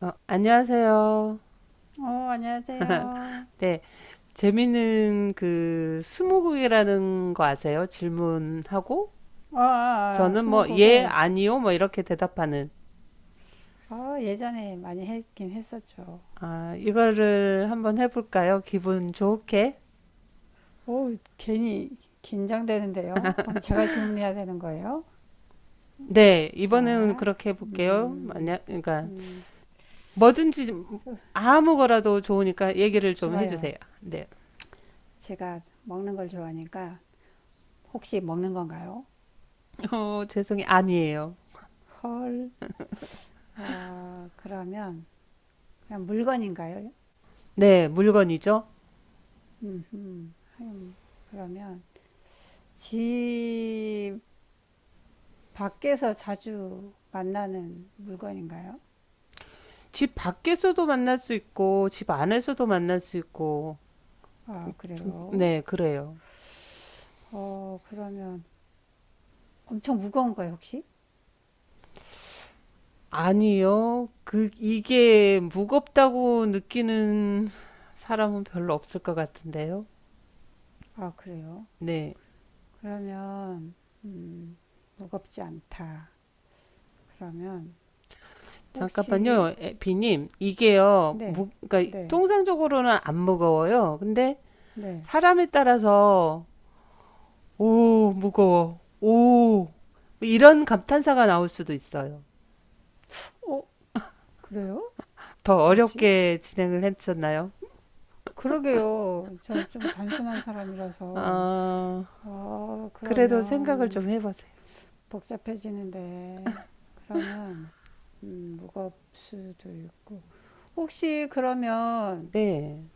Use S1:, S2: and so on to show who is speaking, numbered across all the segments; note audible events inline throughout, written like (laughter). S1: 안녕하세요.
S2: 어, 안녕하세요.
S1: 네, 재미있는 그 스무고개라는 거 아세요? 질문하고
S2: 아, 아, 아,
S1: 저는 뭐 예,
S2: 스무고개.
S1: 아니요 뭐 이렇게 대답하는
S2: 아, 예전에 많이 했긴 했었죠.
S1: 아, 이거를 한번 해볼까요? 기분 좋게.
S2: 오, 괜히 긴장되는데요. 그럼 제가 질문해야 되는 거예요?
S1: 네, 이번에는
S2: 자,
S1: 그렇게 해볼게요.
S2: 음,
S1: 만약 그러니까
S2: 음,
S1: 뭐든지
S2: 으,
S1: 아무 거라도 좋으니까 얘기를 좀
S2: 좋아요.
S1: 해주세요. 네,
S2: 제가 먹는 걸 좋아하니까 혹시 먹는 건가요?
S1: 죄송해요. 아니에요.
S2: 헐, 아, 그러면 그냥 물건인가요?
S1: 네, 물건이죠.
S2: 음, 음, 음, 그러면 집 밖에서 자주 만나는 물건인가요?
S1: 집 밖에서도 만날 수 있고 집 안에서도 만날 수 있고
S2: 아,
S1: 좀,
S2: 그래요?
S1: 네, 그래요.
S2: 어, 그러면 엄청 무거운 거예요, 혹시?
S1: 아니요. 그, 이게 무겁다고 느끼는 사람은 별로 없을 것 같은데요.
S2: 아, 그래요?
S1: 네.
S2: 그러면, 음, 무겁지 않다. 그러면, 혹시,
S1: 잠깐만요, 비님. 이게요,
S2: 네,
S1: 그러니까
S2: 네,
S1: 통상적으로는 안 무거워요. 근데
S2: 네.
S1: 사람에 따라서, 오, 무거워. 오, 뭐 이런 감탄사가 나올 수도 있어요.
S2: 어, 그래요?
S1: 더
S2: 뭐지?
S1: 어렵게 진행을 해주셨나요?
S2: 그러게요. 저 좀 단순한 사람이라서.
S1: 아,
S2: 어,
S1: 그래도 생각을 좀
S2: 그러면,
S1: 해보세요.
S2: 복잡해지는데 그러면 무거울 수도 있고 혹시 그러면
S1: 네.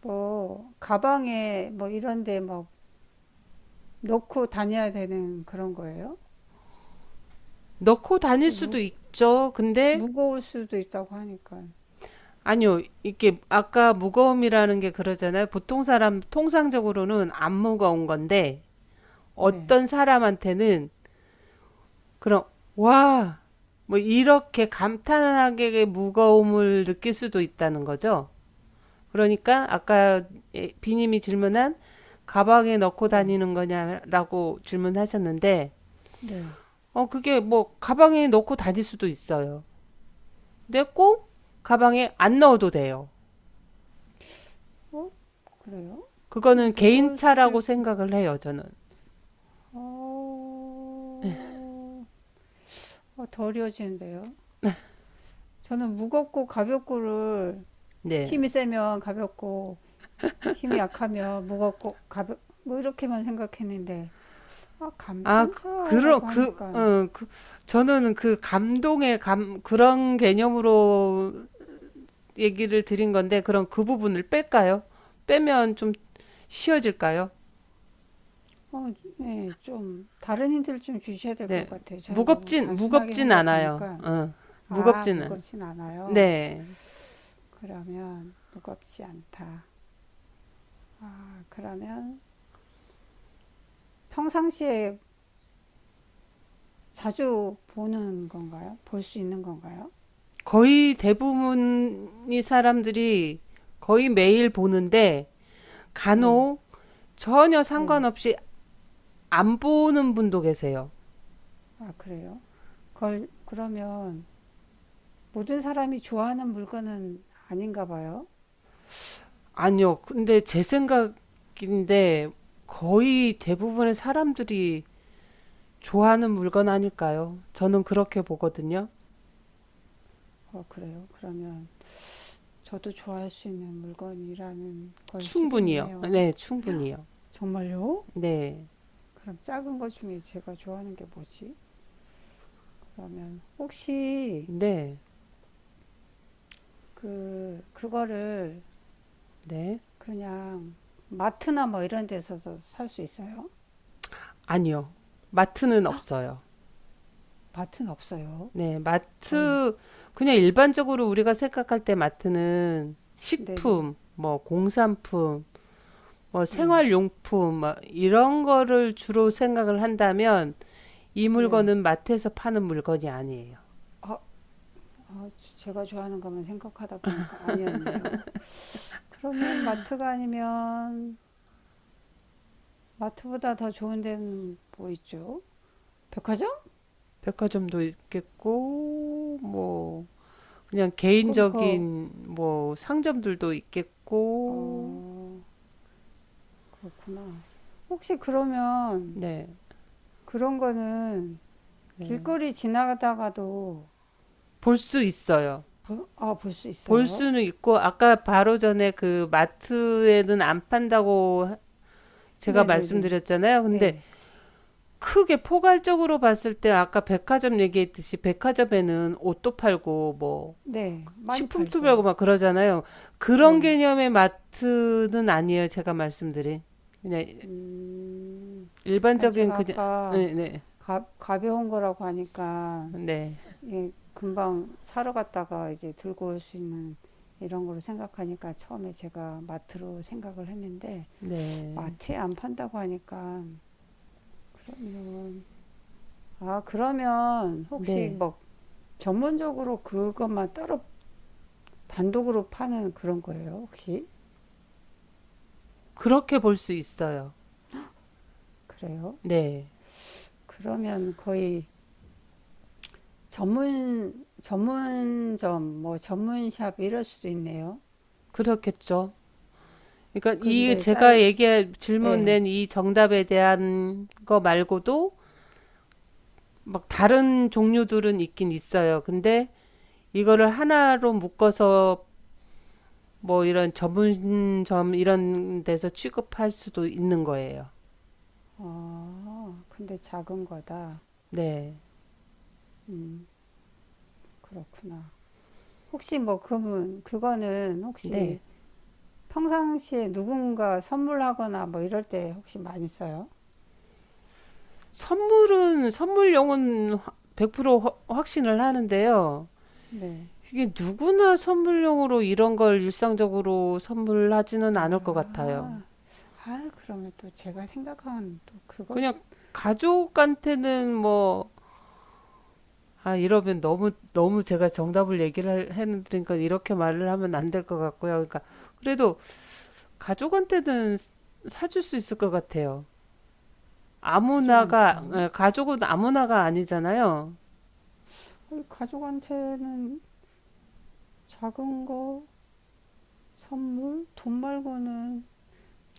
S2: 뭐 가방에 뭐 이런데 막 넣고 다녀야 되는 그런 거예요?
S1: 넣고 다닐
S2: 좀
S1: 수도
S2: 무,
S1: 있죠. 근데
S2: 무거울 수도 있다고 하니까
S1: 아니요, 이게 아까 무거움이라는 게 그러잖아요. 보통 사람 통상적으로는 안 무거운 건데
S2: 네,
S1: 어떤 사람한테는 그런 와, 뭐 이렇게 감탄하게 무거움을 느낄 수도 있다는 거죠. 그러니까 아까 예, 비님이 질문한 가방에 넣고
S2: 네,
S1: 다니는 거냐라고 질문하셨는데
S2: 네.
S1: 그게 뭐 가방에 넣고 다닐 수도 있어요. 근데 꼭 가방에 안 넣어도 돼요.
S2: 어? 그래요?
S1: 그거는
S2: 무거울 수도
S1: 개인차라고
S2: 있고
S1: 생각을 해요, 저는.
S2: 어, 어, 더려지는데요? 저는 무겁고 가볍고를
S1: 네.
S2: 힘이 세면 가볍고 힘이 약하면 무겁고 가벼 뭐 이렇게만 생각했는데 아,
S1: 아, 그, 그런
S2: 감탄사라고
S1: 그,
S2: 하니까
S1: 어, 그 저는 그 감동의 감 그런 개념으로 얘기를 드린 건데 그럼 그 부분을 뺄까요? 빼면 좀 쉬워질까요?
S2: 어, 네, 좀 다른 힌트를 좀 주셔야 될 것
S1: 네.
S2: 같아요. 저는 너무
S1: 무겁진
S2: 단순하게
S1: 무겁진 않아요.
S2: 생각하니까 아,
S1: 무겁지는.
S2: 무겁진 않아요.
S1: 네.
S2: 그러면 무겁지 않다. 아, 그러면 평상시에 자주 보는 건가요? 볼 수 있는 건가요?
S1: 거의 대부분이 사람들이 거의 매일 보는데
S2: 네,
S1: 간혹 전혀
S2: 네.
S1: 상관없이 안 보는 분도 계세요.
S2: 아, 그래요? 걸 그러면 모든 사람이 좋아하는 물건은 아닌가 봐요.
S1: 아니요. 근데 제 생각인데 거의 대부분의 사람들이 좋아하는 물건 아닐까요? 저는 그렇게 보거든요.
S2: 어, 그래요. 그러면 저도 좋아할 수 있는 물건이라는 걸 수도
S1: 충분히요.
S2: 있네요.
S1: 네, 충분히요.
S2: 정말요?
S1: 네,
S2: 그럼 작은 것 중에 제가 좋아하는 게 뭐지? 그러면 혹시
S1: 네,
S2: 그거를
S1: 네.
S2: 그냥 마트나 뭐 이런 데서도 살 수 있어요?
S1: 아니요. 마트는 없어요.
S2: 마트는 없어요.
S1: 네,
S2: 아유,
S1: 마트, 그냥 일반적으로 우리가 생각할 때 마트는
S2: 네네,
S1: 식품, 뭐 공산품, 뭐
S2: 네,
S1: 생활용품, 뭐 이런 거를 주로 생각을 한다면 이
S2: 네.
S1: 물건은 마트에서 파는 물건이 아니에요.
S2: 아, 아, 제가 좋아하는 것만 생각하다 보니까 아니었네요. 그러면 마트가 아니면 마트보다 더 좋은 데는 뭐 있죠? 백화점?
S1: 백화점도 있겠고, 뭐, 그냥
S2: 그럼 그
S1: 개인적인 뭐 상점들도 있겠고,
S2: 어, 그렇구나. 혹시 그러면
S1: 네,
S2: 그런 거는
S1: 네.
S2: 길거리 지나가다가도
S1: 볼 수 있어요.
S2: 볼 수
S1: 볼
S2: 있어요?
S1: 수는 있고, 아까 바로 전에 그 마트에는 안 판다고 제가
S2: 네네네.
S1: 말씀드렸잖아요. 근데
S2: 네.
S1: 크게 포괄적으로 봤을 때 아까 백화점 얘기했듯이 백화점에는 옷도 팔고 뭐
S2: 네. 많이
S1: 식품도 팔고
S2: 팔죠.
S1: 막 그러잖아요. 그런
S2: 네.
S1: 개념의 마트는 아니에요. 제가 말씀드린. 그냥
S2: 음, 아니,
S1: 일반적인
S2: 제가
S1: 그냥
S2: 아까
S1: 네, 네.
S2: 가벼운 거라고 하니까,
S1: 네.
S2: 예, 금방 사러 갔다가 이제 들고 올 수 있는 이런 거로 생각하니까 처음에 제가 마트로 생각을 했는데,
S1: 네.
S2: 마트에 안 판다고 하니까, 그러면, 아, 그러면 혹시
S1: 네.
S2: 뭐 전문적으로 그것만 따로 단독으로 파는 그런 거예요, 혹시?
S1: 그렇게 볼 수 있어요.
S2: 그래요?
S1: 네.
S2: 그러면 거의 전문점, 뭐 전문샵 이럴 수도 있네요.
S1: 그렇겠죠. 그러니까 이
S2: 근데
S1: 제가
S2: 사이,
S1: 얘기할 질문
S2: 예.
S1: 낸 이 정답에 대한 거 말고도 막 다른 종류들은 있긴 있어요. 근데 이거를 하나로 묶어서 뭐 이런 전문점 이런 데서 취급할 수도 있는 거예요.
S2: 아, 근데 작은 거다.
S1: 네.
S2: 그렇구나. 혹시 뭐 그거는
S1: 네.
S2: 혹시 평상시에 누군가 선물하거나 뭐 이럴 때 혹시 많이 써요?
S1: 선물은 선물용은 백100% 확신을 하는데요.
S2: 네.
S1: 이게 누구나 선물용으로 이런 걸 일상적으로 선물하지는 않을 것 같아요.
S2: 아, 아, 그러면 또 제가 생각한 또 그거
S1: 그냥 가족한테는 뭐, 아, 이러면 너무, 너무 제가 정답을 얘기를 해드리니까 이렇게 말을 하면 안 될 것 같고요. 그러니까, 그래도 가족한테는 사줄 수 있을 것 같아요. 아무나가,
S2: 가족한테요.
S1: 가족은 아무나가 아니잖아요.
S2: 우리 가족한테는 작은 거, 선물, 돈 말고는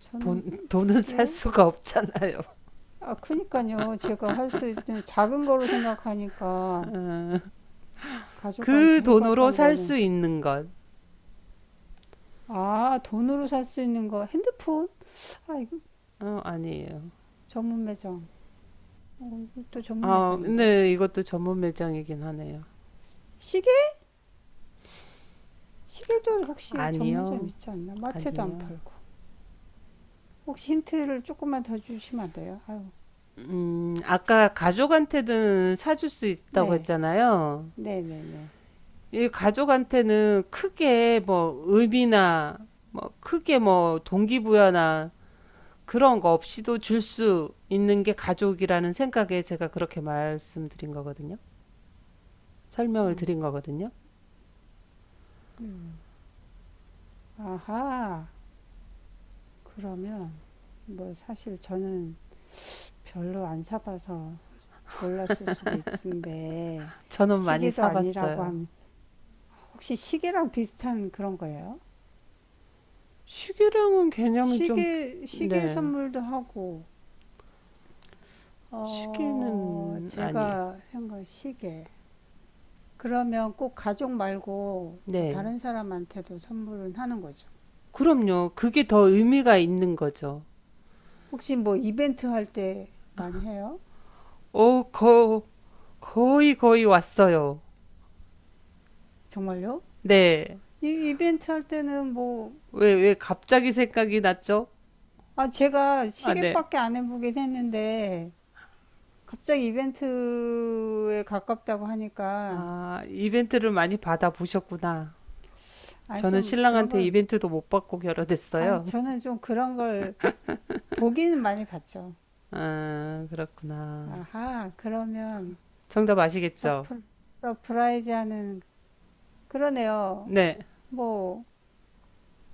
S2: 저는
S1: 돈은 (laughs) 살
S2: 크게.
S1: 수가 없잖아요.
S2: 아, 그니까요. 제가 할 수 있는 작은 거로 생각하니까
S1: 그
S2: 가족한테
S1: 돈으로
S2: 해봤던
S1: 살
S2: 거는.
S1: 수 있는 것.
S2: 아, 돈으로 살 수 있는 거. 핸드폰? 아, 이거
S1: 아니에요.
S2: 전문 매장. 또 전문
S1: 아,
S2: 매장인데.
S1: 근데 이것도 전문 매장이긴 하네요.
S2: 시계? 시계도 혹시 전문점
S1: 아니요.
S2: 있지 않나? 마트도 안
S1: 아니요.
S2: 팔고. 혹시 힌트를 조금만 더 주시면 안 돼요? 아유,
S1: 아까 가족한테는 사줄 수 있다고
S2: 네,
S1: 했잖아요.
S2: 네, 네, 네.
S1: 이 가족한테는 크게 뭐 의미나 뭐 크게 뭐 동기부여나 그런 거 없이도 줄 수 있는 게 가족이라는 생각에 제가 그렇게 말씀드린 거거든요. 설명을 드린 거거든요.
S2: 아하, 그러면 뭐 사실 저는 별로 안 사봐서 몰랐을 수도 있는데
S1: 저는 많이
S2: 시계도 아니라고
S1: 사봤어요.
S2: 하면 혹시 시계랑 비슷한 그런 거예요?
S1: 시계랑은 개념이 좀,
S2: 시계
S1: 네.
S2: 선물도 하고, 어,
S1: 시계는 아니에요.
S2: 제가 생각 시계. 그러면 꼭 가족 말고 뭐
S1: 네.
S2: 다른 사람한테도 선물은 하는 거죠.
S1: 그럼요. 그게 더 의미가 있는 거죠.
S2: 혹시 뭐 이벤트 할 때 많이 해요?
S1: 오, 거, 거의 거의 왔어요.
S2: 정말요?
S1: 네.
S2: 이 이벤트 할 때는 뭐,
S1: 왜 갑자기 생각이 났죠?
S2: 아, 제가
S1: 아, 네.
S2: 시계밖에 안 해보긴 했는데, 갑자기 이벤트에 가깝다고 하니까,
S1: 아, 이벤트를 많이 받아보셨구나.
S2: 아,
S1: 저는
S2: 좀 그런
S1: 신랑한테
S2: 걸,
S1: 이벤트도 못 받고
S2: 아,
S1: 결혼했어요.
S2: 저는 좀 그런 걸 보기는 많이 봤죠.
S1: 아, 그렇구나.
S2: 아하, 그러면
S1: 정답 아시겠죠?
S2: 서프, 서프라이즈 하는, 그러네요.
S1: 네.
S2: 뭐,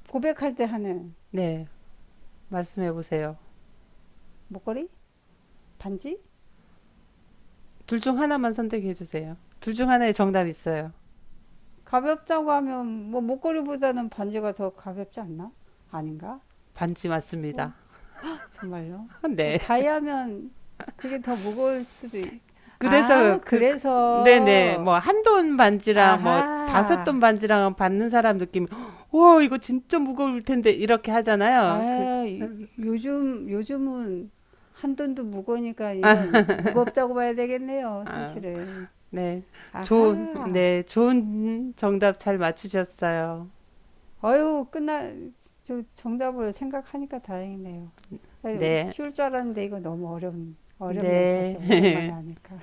S2: 고백할 때 하는
S1: 네. 말씀해 보세요.
S2: 목걸이? 반지?
S1: 둘 중 하나만 선택해 주세요. 둘 중 하나의 정답 있어요.
S2: 가볍다고 하면, 뭐, 목걸이보다는 반지가 더 가볍지 않나? 아닌가?
S1: 반지
S2: 뭐,
S1: 맞습니다.
S2: 정말요?
S1: (laughs)
S2: 뭐
S1: 네.
S2: 다이아면 그게 더 무거울 수도 있...
S1: 그래서
S2: 아,
S1: 네네
S2: 그래서
S1: 뭐 1돈 반지랑 뭐 다섯
S2: 아하.
S1: 돈 반지랑 받는 사람 느낌이 오 이거 진짜 무거울 텐데 이렇게 하잖아요.
S2: 아, 이- 요즘은 한 돈도 무거우니까 이건 무겁다고 봐야 되겠네요,
S1: 아,
S2: 사실은.
S1: 네. 좋은
S2: 아하.
S1: 네, 좋은 정답 잘 맞추셨어요.
S2: 어휴, 끝나 저 정답을 생각하니까 다행이네요. 아유,
S1: 네.
S2: 쉬울 줄 알았는데 이거 너무 어려운 어렵네, 사실 오랜만에
S1: 네. (laughs)
S2: 하니까.